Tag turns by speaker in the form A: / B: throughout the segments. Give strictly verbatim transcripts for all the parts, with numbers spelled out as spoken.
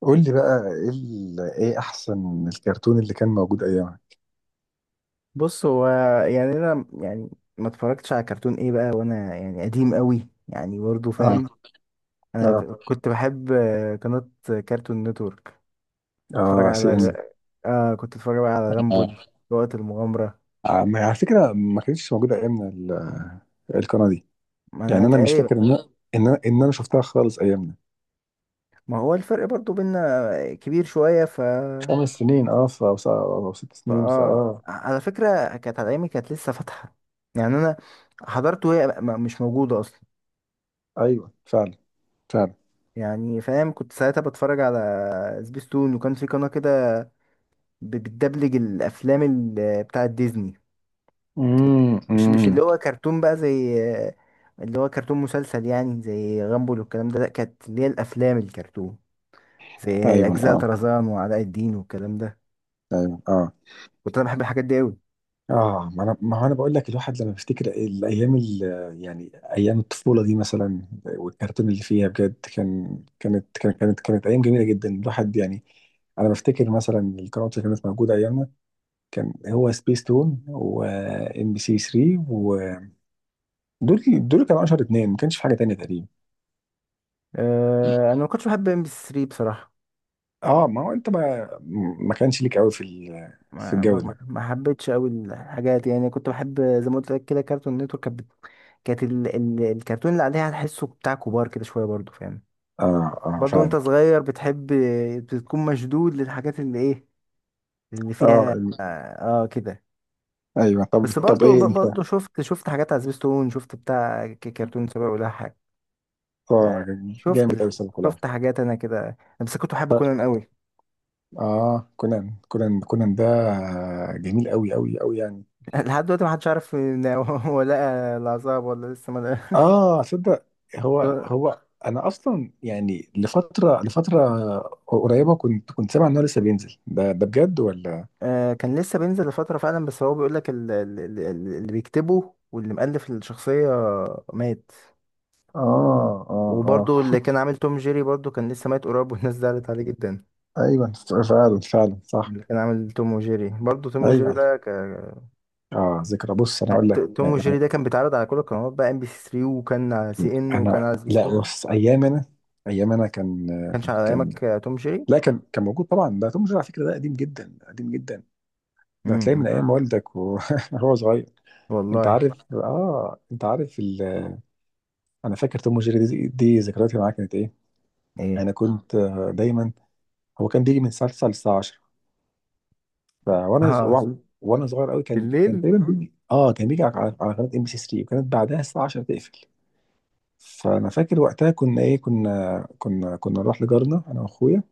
A: قول لي بقى ايه ال- ايه احسن الكرتون اللي كان موجود ايامها؟
B: بص هو، يعني انا يعني ما اتفرجتش على كرتون ايه بقى، وانا يعني قديم قوي يعني، برضه
A: اه.
B: فاهم. انا
A: اه.
B: ب- كنت بحب آه، قناة كارتون نتورك. اتفرج
A: اه، سي
B: على غ...
A: ان.
B: آه كنت اتفرج بقى على غامبول،
A: اه.
B: وقت المغامرة.
A: آه، ما- على فكره ما كانتش موجوده ايامنا ال- القناه دي.
B: ما
A: يعني
B: انا
A: انا مش
B: تقريبا،
A: فاكر ان انا ان انا ان انا شفتها خالص ايامنا.
B: ما هو الفرق برضه بينا كبير شوية. ف
A: خمس سنين، اه ف- او س- أو ست
B: فا
A: سنين
B: اه
A: فاه
B: على فكرة كانت على ايامي كانت لسه فاتحة. يعني انا حضرته وهي م- مش موجودة اصلا.
A: ايوه فعلا. فعلا.
B: يعني فاهم، كنت ساعتها بتفرج على سبيستون، وكان في قناة كده ب- بتدبلج الافلام ال- بتاعت ديزني. كانت
A: امم.
B: مش مش
A: أمم.
B: اللي هو كرتون بقى زي اللي هو كرتون مسلسل يعني زي غامبول والكلام ده، لا كانت اللي هي الافلام الكرتون، زي ايوه
A: ايوه
B: اجزاء ايوه
A: اه.
B: طرزان وعلاء الدين والكلام ده.
A: ايوه اه.
B: كنت انا بحب الحاجات دي قوي.
A: اه، ما انا، ما هو انا بقول لك، الواحد لما بيفتكر الايام ال- يعني ايام الطفوله دي مثلا، والكرتون اللي فيها بجد كان كانت كانت كانت, كانت ايام جميله جدا الواحد يعني. انا بفتكر مثلا القنوات اللي كانت موجوده ايامنا، كان هو سبيس تون وام بي سي ثلاثة، ودول دول كانوا اشهر اتنين، ما كانش في حاجه تانية تقريبا.
B: أه انا ما كنتش بحب ام بي ثلاثة بصراحه.
A: اه، ما هو انت ما ما كانش ليك قوي في ال- في
B: ما ما
A: الجو
B: ما
A: ده.
B: ما حبيتش قوي الحاجات، يعني كنت بحب زي ما قلت لك كده كرتون نتورك، كانت بت- كانت ال- ال- الكرتون اللي عليها تحسه بتاع كبار كده شويه، برضه فاهم.
A: اه. اه
B: برضه وانت
A: فعلا.
B: صغير بتحب، بتكون مشدود للحاجات اللي ايه، اللي
A: اه،
B: فيها
A: ال-
B: اه, آه كده.
A: ايوه. طب
B: بس
A: طب
B: برضه
A: ايه
B: ب-
A: انت؟
B: برضه شفت شفت حاجات على سبيستون، شفت بتاع ك- كرتون سابق ولا حاجة.
A: اه،
B: آه شفت
A: جامد قوي
B: ال-
A: السنه كلها.
B: شفت حاجات انا كده، انا بس كنت بحب كونان قوي.
A: اه، كونان. كونان كونان ده جميل قوي قوي قوي يعني.
B: لحد دلوقتي محدش عارف ان هو لقى العذاب ولا لسه ما لقى.
A: اه، صدق. هو هو انا اصلا يعني لفتره لفتره قريبه كنت كنت سامع ان هو لسه بينزل ده ده بجد ولا؟
B: آه كان لسه بينزل لفترة فعلا، بس هو بيقول لك اللي بيكتبه واللي مؤلف الشخصية مات.
A: اه. اه. اه.
B: وبرضو اللي كان عامل توم جيري برضو كان لسه ميت قريب، والناس زعلت عليه جدا.
A: ايوه فعلا. فعلا صح.
B: اللي كان عامل توم وجيري، برضو توم وجيري
A: ايوه
B: ده ك...
A: اه، ذكرى. بص، انا اقول لك
B: ت- توم
A: يعني.
B: وجيري ده كان بيتعرض على كل القنوات بقى، ام بي سي ثلاثة، وكان على سي ان، وكان
A: انا،
B: على
A: لا.
B: سبيستون.
A: بص، ايام انا ايام انا كان
B: ما كانش على
A: كان
B: ايامك آه، توم جيري.
A: لا، كان كان موجود طبعا، ده توم جيري على فكره، ده قديم جدا قديم جدا. ده هتلاقيه
B: امم،
A: من ايام والدك وهو صغير. انت
B: والله.
A: عارف اه انت عارف ال... انا فاكر توم وجيري دي, دي ذكرياتي معاه كانت ايه.
B: ايه.
A: انا كنت آه، دايما. هو كان بيجي من الساعه تسعة للساعه عشرة. فوانا ز-
B: اه،
A: وع- وانا صغير قوي كان كان
B: بالليل.
A: تقريبا بيجي اه كان بيجي على على قناه ام بي سي ثلاثة، وكانت بعدها الساعه عشرة تقفل. فانا فاكر وقتها كنا ايه كنا كنا كنا نروح لجارنا انا واخويا،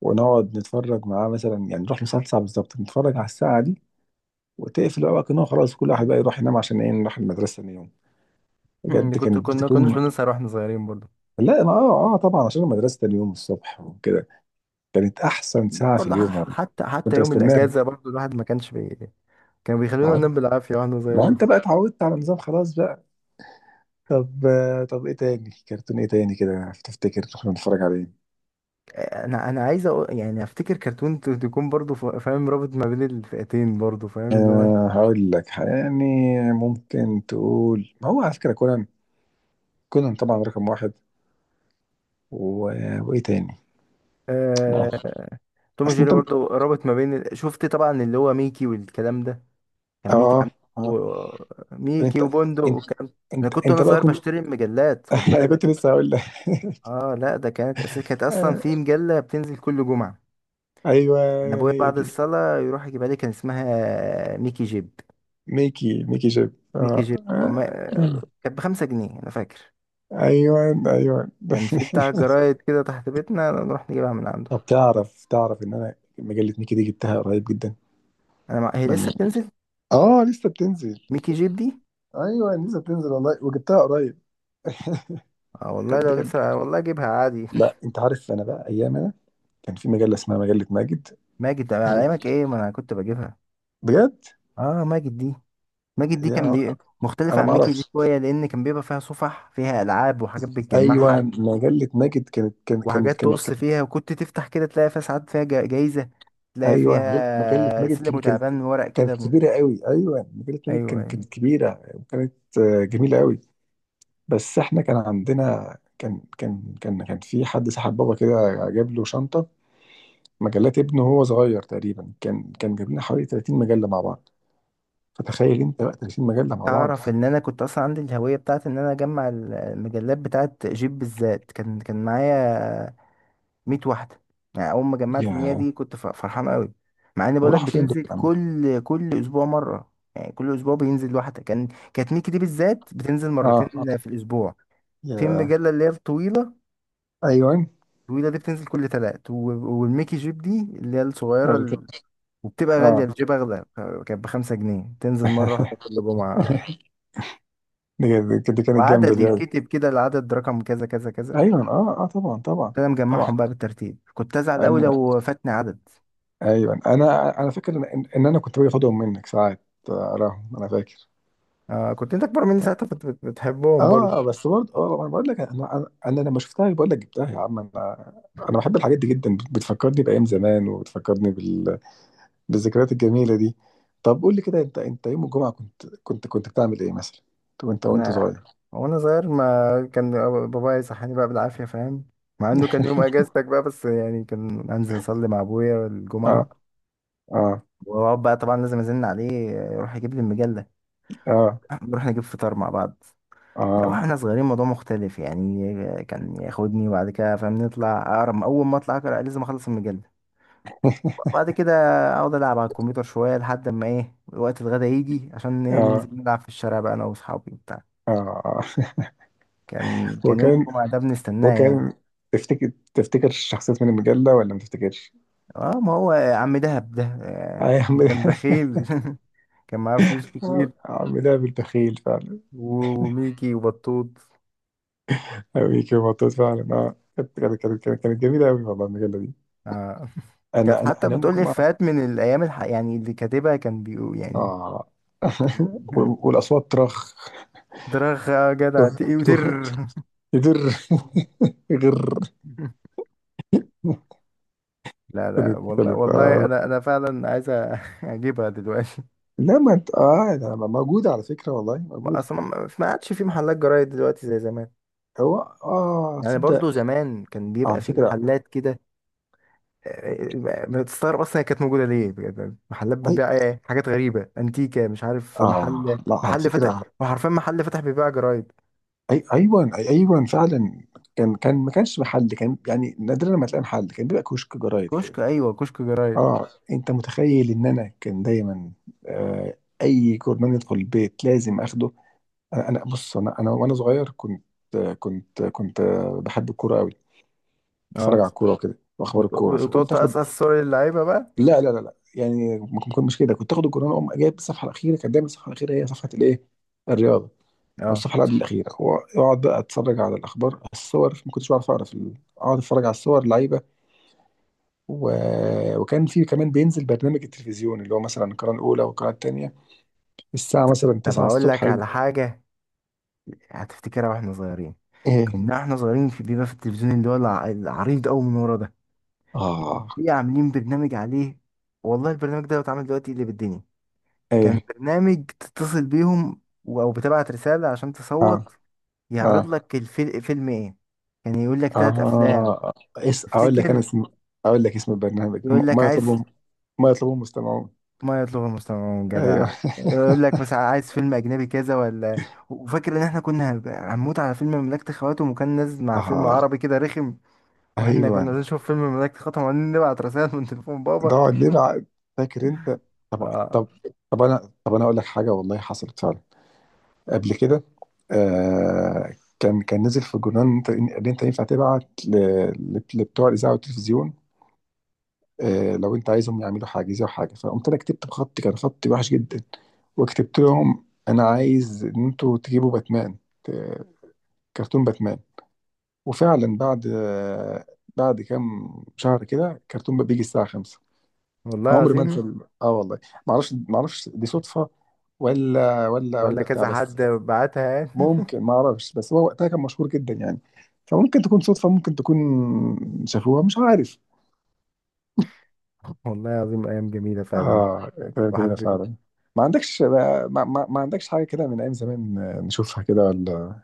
A: ونقعد نتفرج معاه مثلا. يعني نروح للساعه تسعة بالظبط نتفرج على الساعه دي، وتقفل بقى. كنا خلاص كل واحد بقى يروح ينام عشان ايه نروح المدرسه تاني يوم.
B: مم،
A: بجد
B: كنت،
A: كانت
B: كنا كناش
A: بتكون.
B: بنسهر واحنا صغيرين برضو.
A: لا انا، اه اه طبعا عشان المدرسه تاني يوم الصبح وكده، كانت احسن ساعه في
B: برضو
A: اليوم
B: ح-
A: والله.
B: حتى حتى
A: كنت
B: يوم
A: بستناها.
B: الاجازه برضو الواحد ما كانش بي... كانوا بيخلونا
A: عارف؟
B: ننام بالعافيه واحنا
A: ما
B: صغيرين.
A: انت بقى اتعودت على النظام خلاص بقى. طب آه، طب ايه تاني كرتون، ايه تاني كده تفتكر كنا بنتفرج عليه؟
B: انا انا عايز أقول يعني افتكر كرتون ت- تكون برضو ف- فاهم رابط ما بين الفئتين، برضو فاهم اللي هو.
A: أه هقول لك يعني، ممكن تقول، ما هو على فكره كونان، كونان طبعا رقم واحد و... وايه تاني ما-
B: آه... توم
A: اصل
B: جيري
A: انت اه
B: برضو رابط ما بين ال- شفت طبعا اللي هو ميكي والكلام ده. كان
A: اه
B: ميكي عم...
A: آه.
B: و... ميكي
A: انت
B: وبندق
A: انت
B: والكلام. انا
A: انت
B: كنت وانا
A: انت بقى
B: صغير
A: كنت.
B: بشتري المجلات، خد
A: انا
B: بالك.
A: كنت لسه هقول لك.
B: اه لا ده كانت أس... كانت اصلا في مجلة بتنزل كل جمعة.
A: ايوه،
B: انا
A: يعني
B: ابويا
A: هي
B: بعد
A: دي
B: الصلاة يروح يجيبها لي، كان اسمها ميكي جيب.
A: ميكي، ميكي جيب.
B: ميكي
A: آه.
B: جيب
A: آه.
B: وما...
A: اه. مم.
B: كانت بخمسة جنيه انا فاكر.
A: ايوه. ايوه.
B: كان في بتاع جرايد كده تحت بيتنا نروح نجيبها من عنده.
A: طب، تعرف تعرف ان انا مجلة ميكي دي جبتها قريب جدا
B: انا مع... هي لسه
A: من...
B: بتنزل
A: اه، لسه بتنزل.
B: ميكي جيب دي.
A: ايوه، لسه بتنزل والله وجبتها قريب.
B: اه والله
A: بجد
B: لو
A: كان.
B: لسه، آه والله اجيبها عادي.
A: لا، انت عارف، انا بقى ايام انا كان في مجله اسمها مجله ماجد.
B: ماجد ده على ايامك ايه، ما انا كنت بجيبها.
A: بجد.
B: اه ماجد دي، ماجد دي كان
A: يا،
B: بي...
A: انا
B: مختلفة
A: ما
B: عن ميكي دي
A: اعرفش.
B: شوية، لان كان بيبقى فيها صفح، فيها العاب وحاجات
A: ايوه،
B: بتجمعها،
A: مجله ماجد كانت كانت كانت
B: وحاجات
A: كانت
B: تقص
A: كان
B: فيها، وكنت تفتح كده تلاقي فيها ساعات فيها جا- جايزة، تلاقي
A: ايوه مجله مجلة
B: فيها
A: ماجد
B: سلم
A: كبيره، كانت
B: وتعبان ورق كده.
A: كانت كبيره قوي. ايوه مجله ماجد
B: ايوه
A: كانت
B: أيوة.
A: كانت كبيره. وكانت آه، جميله قوي. بس احنا كان عندنا، كان كان كان كان في حد سحب بابا كده، جاب له شنطة مجلات ابنه وهو صغير تقريبا. كان كان جاب لنا حوالي ثلاثين مجلة مع بعض، فتخيل انت بقى ثلاثين مجلة مع بعض.
B: تعرف ان انا كنت اصلا عندي الهوية بتاعت ان انا اجمع ال- المجلات بتاعت جيب بالذات، كان كان معايا مية واحدة. يعني اول ما جمعت المية
A: يا،
B: دي كنت ف- فرحان قوي. مع ان
A: طب
B: بقولك
A: راحوا فين دول
B: بتنزل
A: يا عم؟
B: كل كل اسبوع مرة، يعني كل اسبوع بينزل واحدة، كان. كانت ميكي دي بالذات بتنزل
A: اه. اه.
B: مرتين في الاسبوع، في
A: يا،
B: المجلة اللي هي الطويلة.
A: ايوه،
B: الطويلة دي بتنزل كل تلات و... والميكي جيب دي اللي هي الصغيرة
A: مرتين.
B: ال- وبتبقى غالية،
A: اه.
B: الجيب اغلى. كانت بخمسة جنيه، تنزل مرة واحدة كل جمعة.
A: دي دي- دي كانت جامدة دي
B: وعددي
A: أوي.
B: كتب كده، العدد رقم كذا كذا كذا.
A: ايوه اه. اه طبعا طبعا
B: كنت انا مجمعهم
A: طبعا.
B: بقى بالترتيب، كنت ازعل قوي
A: أنا،
B: لو فاتني عدد.
A: ايوه، انا انا فاكر ان ان انا كنت باجي اخدهم منك ساعات، آه، اراهم. انا فاكر.
B: آه كنت انت اكبر مني ساعتها، كنت بت- بتحبهم برضه.
A: اه بس برضه، اه انا بقول لك، انا انا أنا لما شفتها، بقول لك جبتها يا عم. انا، انا بحب الحاجات دي جدا، بتفكرني بايام زمان، وبتفكرني بال... بالذكريات الجميله دي. طب، قول لي كده، انت انت يوم الجمعه كنت كنت كنت بتعمل ايه مثلا وانت وانت
B: انا
A: صغير؟
B: وانا صغير، ما كان بابايا يصحاني بقى بالعافيه فاهم، مع انه كان يوم اجازتك بقى، بس يعني كان انزل اصلي مع ابويا
A: اه.
B: الجمعه،
A: اه.
B: واقعد بقى طبعا لازم ازن عليه يروح يجيب لي المجله.
A: اه.
B: نروح نجيب فطار مع بعض. لا
A: اه.
B: واحنا صغيرين موضوع مختلف يعني، كان ياخدني وبعد كده فاهم نطلع اقرا، اول ما اطلع اقرا لازم اخلص المجله، وبعد كده اقعد العب على الكمبيوتر شويه لحد ما ايه وقت الغدا يجي، عشان ايه
A: اه.
B: ننزل نلعب في الشارع بقى انا واصحابي وبتاع.
A: اه.
B: كان كان يوم
A: وكان
B: الجمعه ده بنستناه يعني.
A: وكان تفتكر تفتكر الشخصيات من المجله ولا ما تفتكرش؟
B: اه ما هو عم دهب ده،
A: آه
B: آه،
A: يا عم.
B: كان بخيل. كان معاه فلوس
A: آه
B: كتير،
A: يا عم، ده بالبخيل فعلا.
B: و- وميكي وبطوط.
A: أوي كده مبسوط فعلا. اه، كانت كانت كانت كانت جميله قوي والله، المجله دي.
B: آه. كانت
A: انا انا
B: حتى
A: انام
B: بتقول لي
A: الجمعه.
B: افيهات من الايام الح... يعني اللي كاتبها كان بيقول يعني.
A: اه. وال- والاصوات ترخ.
B: درخ يا جدع تقي
A: ته- ته-
B: ودر.
A: يدر. غر.
B: لا لا
A: كانت
B: والله
A: كانت
B: والله،
A: آه.
B: انا انا فعلا عايز أ- اجيبها دلوقتي.
A: لا ما انت، اه ده موجوده على فكره، والله موجوده.
B: اصلا ما ما عادش في محلات جرايد دلوقتي زي زمان،
A: هو، اه
B: يعني
A: تصدق،
B: برضو زمان كان بيبقى
A: على
B: في
A: فكره.
B: محلات كده. آه، ما تستغرب، اصلا هي كانت موجوده ليه بجد؟ يعني محلات
A: اي.
B: بتبيع إيه؟ حاجات غريبه انتيكه مش عارف،
A: اه
B: محل
A: لا، على
B: محل فتح،
A: فكره.
B: وحرفيا محل فتح بيبيع جرايد.
A: اي ايوه. أي ايوه فعلا. كان كان ما كانش محل، كان يعني نادرا ما تلاقي محل، كان بيبقى كشك جرايد كده.
B: كشك، ايوه كشك جرايد.
A: اه، انت متخيل ان انا كان دايما آه اي كورنيش يدخل البيت لازم اخده. انا أنا- بص، انا انا وانا صغير كنت كنت كنت بحب الكوره قوي، اتفرج
B: اه
A: على الكوره وكده واخبار
B: بت-
A: الكوره،
B: وتقعد
A: فكنت اخد.
B: تقصقص صور اللعيبه بقى.
A: لا، لا، لا، لا، يعني ما كنت مش كده، كنت اخد الكوره اقوم جايب الصفحه الاخيره. كانت دايما الصفحه الاخيره هي صفحه الايه الرياضه، او
B: اه
A: الصفحه اللي قبل الاخيره، واقعد بقى اتفرج على الاخبار، الصور. ما كنتش بعرف اقرا في ال- اقعد اتفرج على الصور، لعيبه و... وكان في كمان بينزل برنامج التلفزيون، اللي هو مثلا القناه الاولى والقناه الثانيه الساعه مثلا
B: طب
A: تسعة
B: هقول
A: الصبح
B: لك
A: يجي.
B: على حاجه، هتفتكرها واحنا صغيرين.
A: ايه.
B: كنا احنا صغيرين، في بيبقى في التلفزيون اللي هو الع- العريض قوي من ورا ده،
A: اه
B: في عاملين برنامج عليه، والله البرنامج ده بيتعمل دلوقتي اللي بالدنيا. كان
A: ايه.
B: برنامج تتصل بيهم و- او بتبعت رسالة عشان
A: اه.
B: تصوت، يعرض
A: اه.
B: لك الفيلم، فيلم ايه. كان يقول لك ثلاث افلام،
A: آه، اس أقول لك أنا
B: تفتكر،
A: اسم. أقول لك اسم البرنامج،
B: يقول
A: م-
B: لك
A: ما
B: عايز،
A: يطلبه ما يطلبه مستمعون.
B: ما يطلب المستمعون
A: أيوه.
B: جدع، يقول لك مثلا عايز فيلم اجنبي كذا ولا. وفاكر ان احنا كنا هنبقى- هنموت على فيلم مملكة خواتم، وكان نازل مع فيلم
A: آه
B: عربي كده رخم. واحنا كنا
A: أيوه.
B: عايزين نشوف فيلم مملكة خواتم، وبعدين نبعت رسائل من تليفون بابا.
A: نقعد نلعب. فاكر أنت؟ طب.
B: اه
A: طب طب أنا طب أنا أقول لك حاجة، والله حصلت فعلا قبل كده. آه، كان كان نزل في الجرنال إن أنت إن أنت ينفع تبعت ل- ل- لبتوع الإذاعة والتلفزيون. آه لو أنت عايزهم يعملوا حاجة أو حاجة، فقمت أنا كتبت بخط، كان خط وحش جدا، وكتبت لهم أنا عايز إن أنتوا تجيبوا باتمان، كرتون باتمان. وفعلا بعد بعد كام شهر كده، كرتون بقى بيجي الساعة خمسة.
B: والله
A: عمري ما
B: العظيم،
A: انسى ال- اه والله. ما اعرفش، ما اعرفش دي صدفة ولا ولا
B: ولا
A: ولا بتاع
B: كذا
A: بس.
B: حد بعتها يعني.
A: ممكن، ما اعرفش، بس هو وقتها كان مشهور جدا يعني، فممكن تكون صدفة، ممكن تكون شافوها، مش عارف.
B: والله العظيم ايام جميله فعلا. آه.
A: اه، كده جميلة
B: واحد،
A: فعلا. ما عندكش ما, ما, ما عندكش حاجة كده من ايام زمان نشوفها كده ولا؟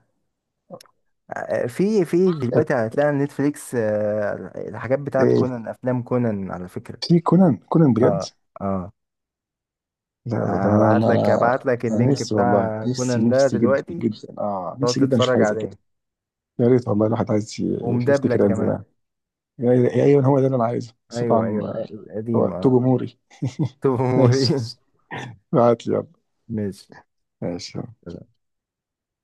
B: في في دلوقتي
A: ايه
B: يعني هتلاقي على نتفليكس، آه، الحاجات بتاعت
A: إيه،
B: كونان، افلام كونان على فكره.
A: في كونان؟ كونان بجد؟
B: اه اه،
A: لا، لا، ده انا
B: هبعت لك
A: ما،
B: هبعت لك
A: انا
B: اللينك
A: نفسي والله،
B: بتاع
A: نفسي
B: كونان ده
A: نفسي جدا
B: دلوقتي،
A: جدا، اه
B: تقعد
A: نفسي جدا اشوف
B: تتفرج
A: حاجه زي كده.
B: عليه،
A: يا ريت والله، الواحد عايز ي-
B: ومدبلك
A: يفتكر ايام
B: كمان.
A: زمان. يا يا ايوه، هو ده اللي انا عايزه بس
B: ايوه ايوه
A: طبعا.
B: الق- القديم
A: وقته
B: اه.
A: جمهوري.
B: توم وموري.
A: ماشي. ابعت لي يلا.
B: ماشي.
A: ماشي